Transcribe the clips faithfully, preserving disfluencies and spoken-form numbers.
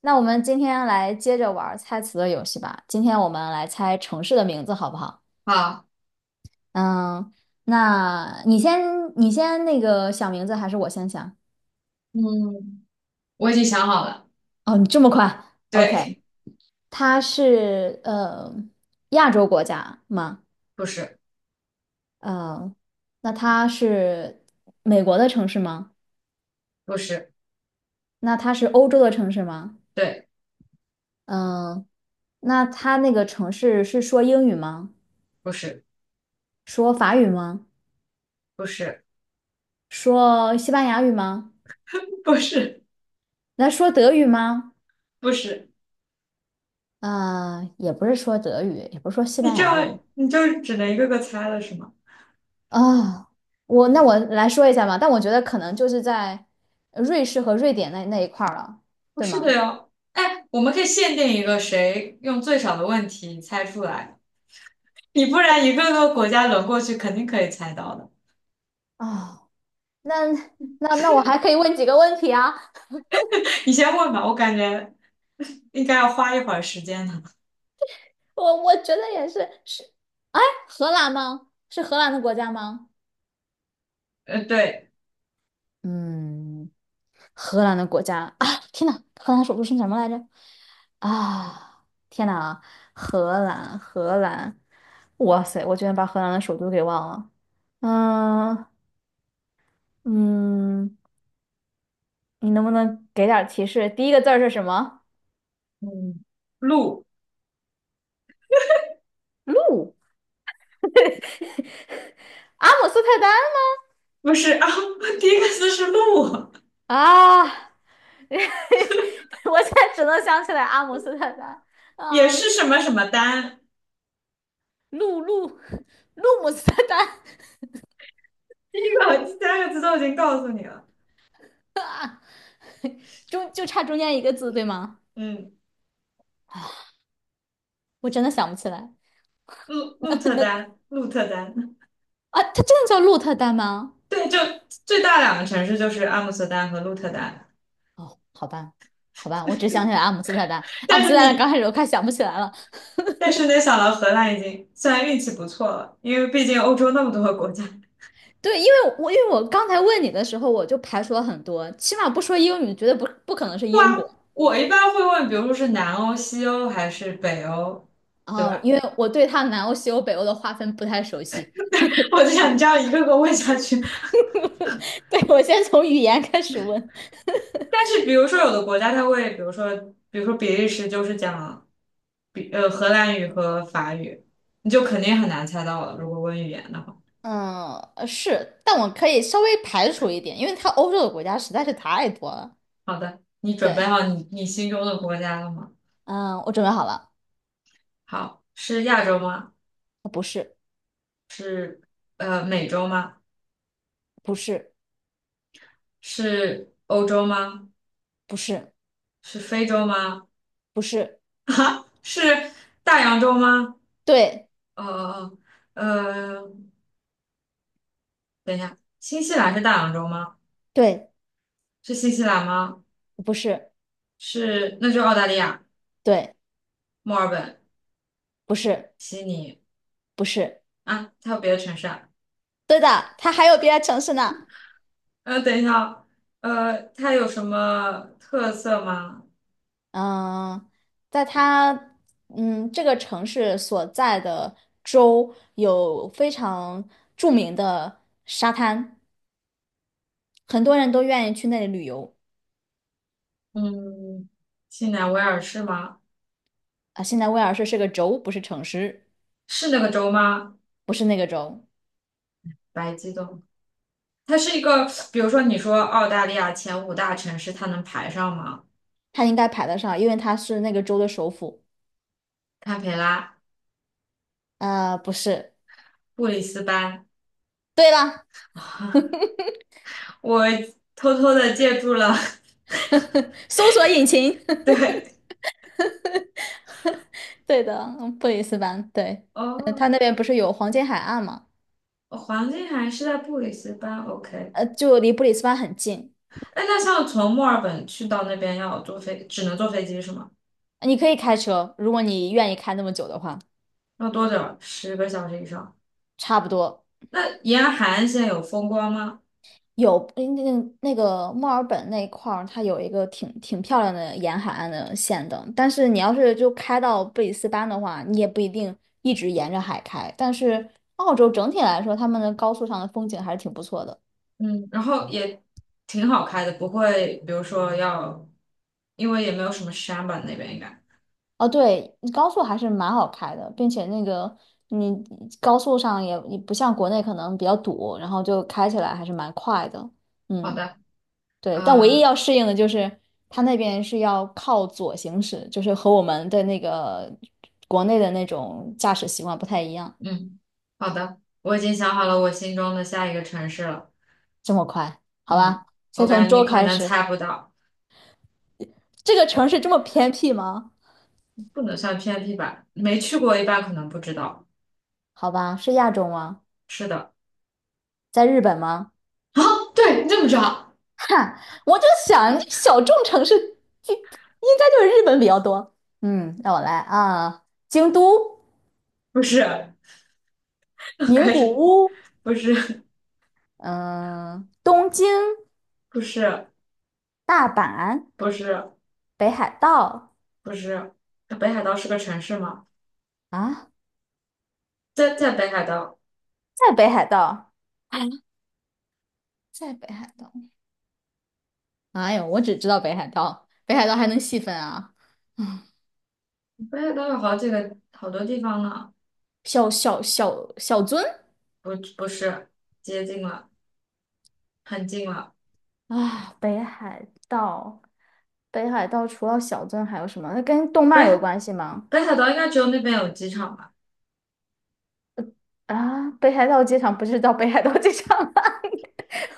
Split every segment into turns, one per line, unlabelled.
那我们今天来接着玩猜词的游戏吧。今天我们来猜城市的名字，好不好？
好。
嗯，那你先，你先那个想名字，还是我先想？
嗯，我已经想好了。
哦，你这么快？OK，
对。
它是呃亚洲国家吗？
不是。
嗯，那它是美国的城市吗？
不是。
那它是欧洲的城市吗？
对。
嗯，那它那个城市是说英语吗？
不是。
说法语吗？
不是。
说西班牙语吗？
不是。
那说德语吗？
不是。
啊、也不是说德语，也不是说西
你
班
这
牙
样
语。
你就只能一个个猜了是吗？
啊、我那我来说一下吧，但我觉得可能就是在瑞士和瑞典那那一块儿了，
不
对
是的
吗？
哟。哎，我们可以限定一个，谁用最少的问题猜出来。你不然一个个国家轮过去，肯定可以猜到的。
啊、那那那我还可以问几个问题啊？
你先问吧，我感觉 应该要花一会儿时间呢。
我我觉得也是，是荷兰吗？是荷兰的国家吗？
呃，对。
嗯，荷兰的国家啊，天呐，荷兰首都是什么来着？啊，天呐，荷兰，荷兰，哇塞，我居然把荷兰的首都给忘了。嗯嗯，你能不能给点儿提示？第一个字儿是什么？
嗯，鹿。
鹿？阿姆斯特丹吗？
不是啊，第一个字是鹿，
啊，我现在只能想起来阿姆斯特丹
也
啊，
是什么什么丹。
鹿鹿鹿姆斯特丹，
这个三个字都已经告诉你了。
中就差中间一个字，对吗？
嗯，
我真的想不起来
鹿鹿特丹，鹿特丹。
啊，它真的叫鹿特丹吗？
对，就最大两个城市就是阿姆斯特丹和鹿特丹。
哦，好吧，好吧，我只想起来阿姆斯特丹，阿
但
姆斯特
是
丹
你，
刚开始我快想不起来了。
但是没想到荷兰已经虽然运气不错了，因为毕竟欧洲那么多个国家。
对，因为我因为我刚才问你的时候，我就排除了很多，起码不说英语，绝对不不可能是
哇，
英国。
我一般会问，比如说是南欧、西欧还是北欧，对
哦，
吧？
因为我对它南欧、西欧、北欧的划分不太熟悉。
我就想这样一个个问下去。
对，我先从语言开始问。
但是比如说有的国家它会，比如说比如说比利时就是讲。比呃荷兰语和法语，你就肯定很难猜到了，如果问语言的话。
嗯，呃是，但我可以稍微排除一点，因为它欧洲的国家实在是太多了。
好的，你准备
对，
好你你心中的国家了吗？
嗯，我准备好了，
好，是亚洲吗？
不是，
呃，美洲吗？
不是，
是欧洲吗？
不是，
是非洲吗？
不是。
啊，是大洋洲吗？
对
哦哦哦，呃，等一下，新西兰是大洋洲吗？
对，
是新西兰吗？
不是，
是，那就澳大利亚、
对，
墨尔本、
不是，
悉尼。
不是，
啊，还有别的城市啊？
对的，它还有别的城市呢。
呃，等一下哦。呃，它有什么特色吗？
嗯，在它嗯这个城市所在的州有非常著名的沙滩，很多人都愿意去那里旅游
嗯，新南威尔士吗？
啊。现在威尔士是个州，不是城市，
是那个州吗？
不是那个州，
白激动，它是一个，比如说你说澳大利亚前五大城市，它能排上吗？
它应该排得上，因为它是那个州的首府。
堪培拉、
呃，不是，
布里斯班。
对了，
我偷偷的借助了，
搜索引擎。
对。
对的，嗯布里斯班，对，呃，
哦，
它那边不是有黄金海岸嘛，
哦，黄金海岸是在布里斯班，OK。
呃，就离布里斯班很近，
哎，那像从墨尔本去到那边要坐飞，只能坐飞机是吗？
你可以开车，如果你愿意开那么久的话，
要多久？十个小时以上。
差不多
那沿海岸线有风光吗？
有那那那个墨尔本那一块儿，它有一个挺挺漂亮的沿海岸的线的，但是你要是就开到布里斯班的话，你也不一定一直沿着海开，但是澳洲整体来说，他们的高速上的风景还是挺不错的。
嗯，然后也挺好开的，不会，比如说要，因为也没有什么山吧，那边应该。
哦，对，高速还是蛮好开的，并且那个你高速上也也不像国内可能比较堵，然后就开起来还是蛮快的。
好
嗯，
的。
对，但唯一
呃，
要适应的就是它那边是要靠左行驶，就是和我们的那个国内的那种驾驶习惯不太一样。
嗯，好的，我已经想好了我心中的下一个城市了。
这么快，好
嗯，
吧，
我
先
感
从
觉你
周
可
开
能
始。
猜不到。
这个城市这么偏僻吗？
不能算偏僻吧，没去过一般可能不知道。
好吧，是亚洲吗？
是的。
在日本吗？
啊，对，你怎么知道？
哈，我就想小众城市就应该就是日本比较多。嗯，让我来啊，京都、
不是。
名
开
古
始。
屋，
不是。
嗯，东京、
不是。
大阪、
不是。
北海道
不是。北海道是个城市吗？
啊，
在在北海道。
在北海道，啊，在北海道。哎呦，我只知道北海道，北海道还能细分啊，
北海道有好几个好多地方呢。
小小小小樽
不不是。接近了，很近了。
啊，北海道，北海道除了小樽还有什么？那跟动
北
漫有
海
关系吗？
北海道应该只有那边有机场吧？
啊，北海道机场不是叫北海道机场吗？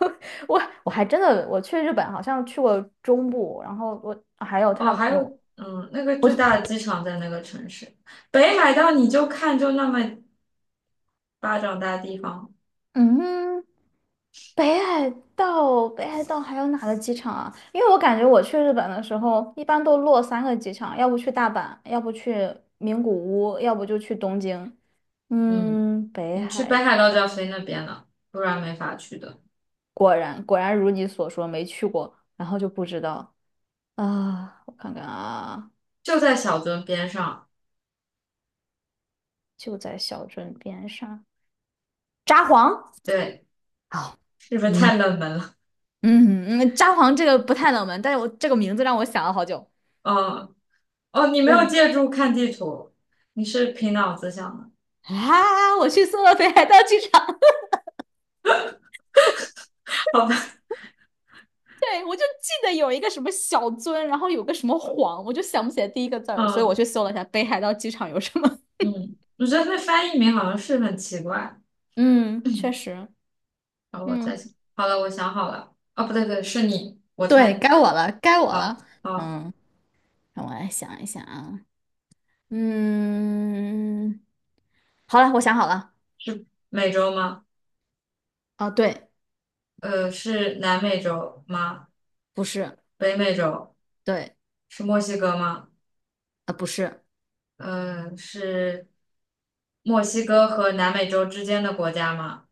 我我还真的我去日本好像去过中部，然后我还有
哦，
他
还
我
有。嗯，那个
我
最大的机场在那个城市。北海道你就看就那么巴掌大地方。
嗯，北海道北海道还有哪个机场啊？因为我感觉我去日本的时候一般都落三个机场，要不去大阪，要不去名古屋，要不就去东京。
嗯，
嗯，北
你去北
海
海道就要飞那边了，不然没法去的。
果然果然如你所说没去过，然后就不知道啊，我看看啊。
就在小樽边上。
就在小镇边上。札幌，
对。
好，
是不是
嗯
太冷门了？
嗯嗯，札幌这个不太冷门，但是我这个名字让我想了好久。
哦哦，你没有
对，
借助看地图，你是凭脑子想的，
啊，我去搜了北海道机场，
好吧？
对，我就记得有一个什么小樽，然后有个什么幌，我就想不起来第一个字儿，所以我
嗯。
去搜了一下北海道机场有什么。
嗯，我觉得那翻译名好像是很奇怪。
嗯，确 实，
好，我再
嗯，
想，好了，我想好了。哦，不对，不对，是你，我
对，
猜
该
你。
我了，该我了。
好，好，
嗯，让我来想一想啊。嗯，好了，我想好了。
美洲吗？
哦，对，
呃，是南美洲吗？
不是，
北美洲。
对，
是墨西哥吗？
啊，不是，
呃，是墨西哥和南美洲之间的国家吗？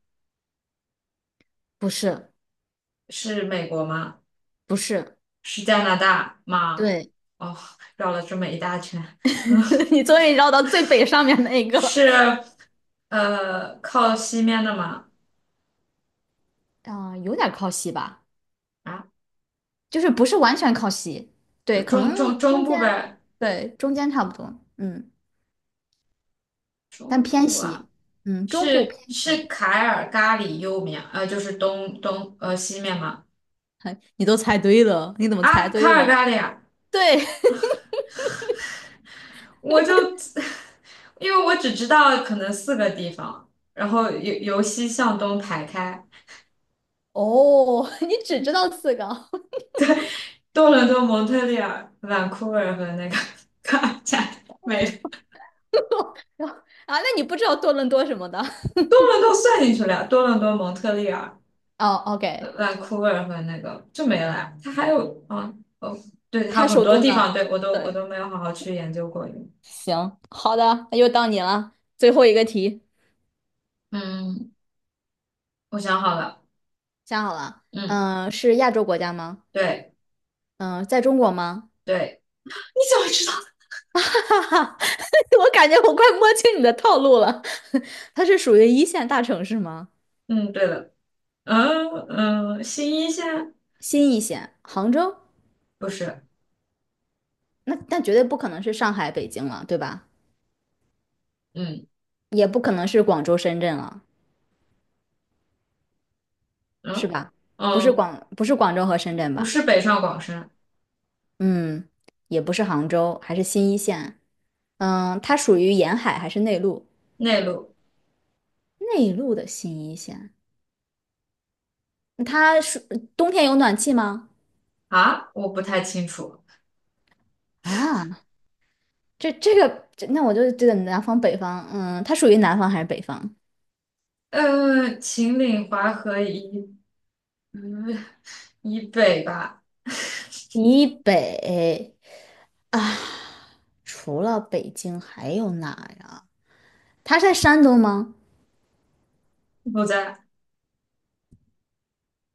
不是，
是美国吗？
不是，
是加拿大吗？
对，
哦，绕了这么一大圈。嗯。
你终于绕到最北上面那一 个了。
是呃靠西面的吗？
啊、有点靠西吧，
啊。
就是不是完全靠西，
就
对，可能
中中中
中
部
间，
呗。
对，中间差不多，嗯，但
中
偏
部
西，
啊。
嗯，中部
是
偏
是
西，
凯尔咖里右面，呃，就是东东呃西面吗？
哎你都猜对了，你怎么猜
啊，凯
对
尔
了？
咖里，啊，
对，
我就 因为我只知道可能四个地方，然后由由西向东排开，
哦，你只知道四个
多伦多、蒙特利尔、vancouver 和那个 卡尔加里没了。多
然后啊？那你不知道多伦多什么的？
伦多算进去了，多伦多、蒙特利尔。
哦
v
，OK，
a n c o u 和那个就没了呀。它还有啊。哦，对，它
它
很
首
多
都
地
呢？
方，对，我都我
对，
都没有好好去研究过。
行，好的，那又到你了，最后一个题。
嗯，我想好了。
想好了，
嗯，
嗯、是亚洲国家吗？
对。
嗯、在中国吗？
对 你怎么知道？
哈哈哈，我感觉我快摸清你的套路了。它是属于一线大城市吗？
嗯，对了。嗯嗯，新一线。
新一线，杭州？
不是。
那那绝对不可能是上海、北京了，对吧？
嗯
也不可能是广州、深圳了，是
嗯
吧？不是
嗯，
广，不是广州和深圳
不
吧？
是北上广深。
嗯，也不是杭州，还是新一线。嗯，它属于沿海还是内陆？
内陆。
内陆的新一线，它是冬天有暖气吗？
啊，我不太清楚。
啊，这这个，这那我就这个南方北方，嗯，它属于南方还是北方？
呃，秦岭淮河以嗯以北吧。
以北啊，除了北京还有哪呀？它在山东吗？
不在。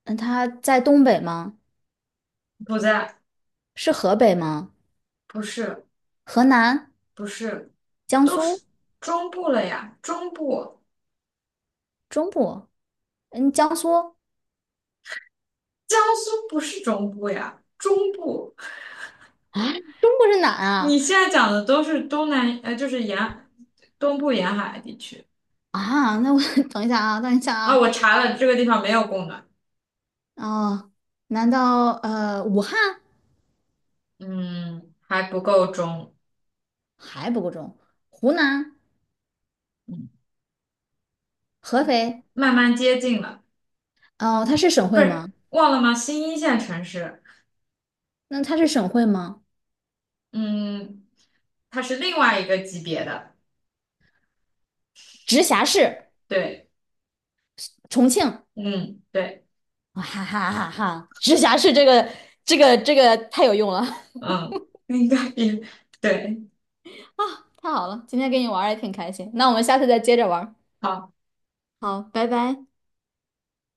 嗯，它在东北吗？
不在。
是河北吗？
不是。
河南、
不是。
江
都是
苏、
中部了呀，中部。
中部？嗯，江苏
江苏不是中部呀，中部。
啊，中部是哪
你
啊？
现在讲的都是东南，呃，就是沿东部沿海地区。
啊，那我 等一下啊，等一下
啊、我
啊，
查了，这个地方没有供暖。
哦，难道呃武汉
嗯，还不够中。
还不够重？湖南、
嗯，
合肥？
慢慢接近了。
哦，它是省
不
会
是
吗？
忘了吗？新一线城市。
那它是省会吗？
嗯，它是另外一个级别的。
直辖市
对。
重庆，
嗯，对。
哈哈哈哈！直辖市这个这个这个太有用了，
嗯，应该比。对。
太好了，今天跟你玩也挺开心。那我们下次再接着玩。
好。
好，拜拜。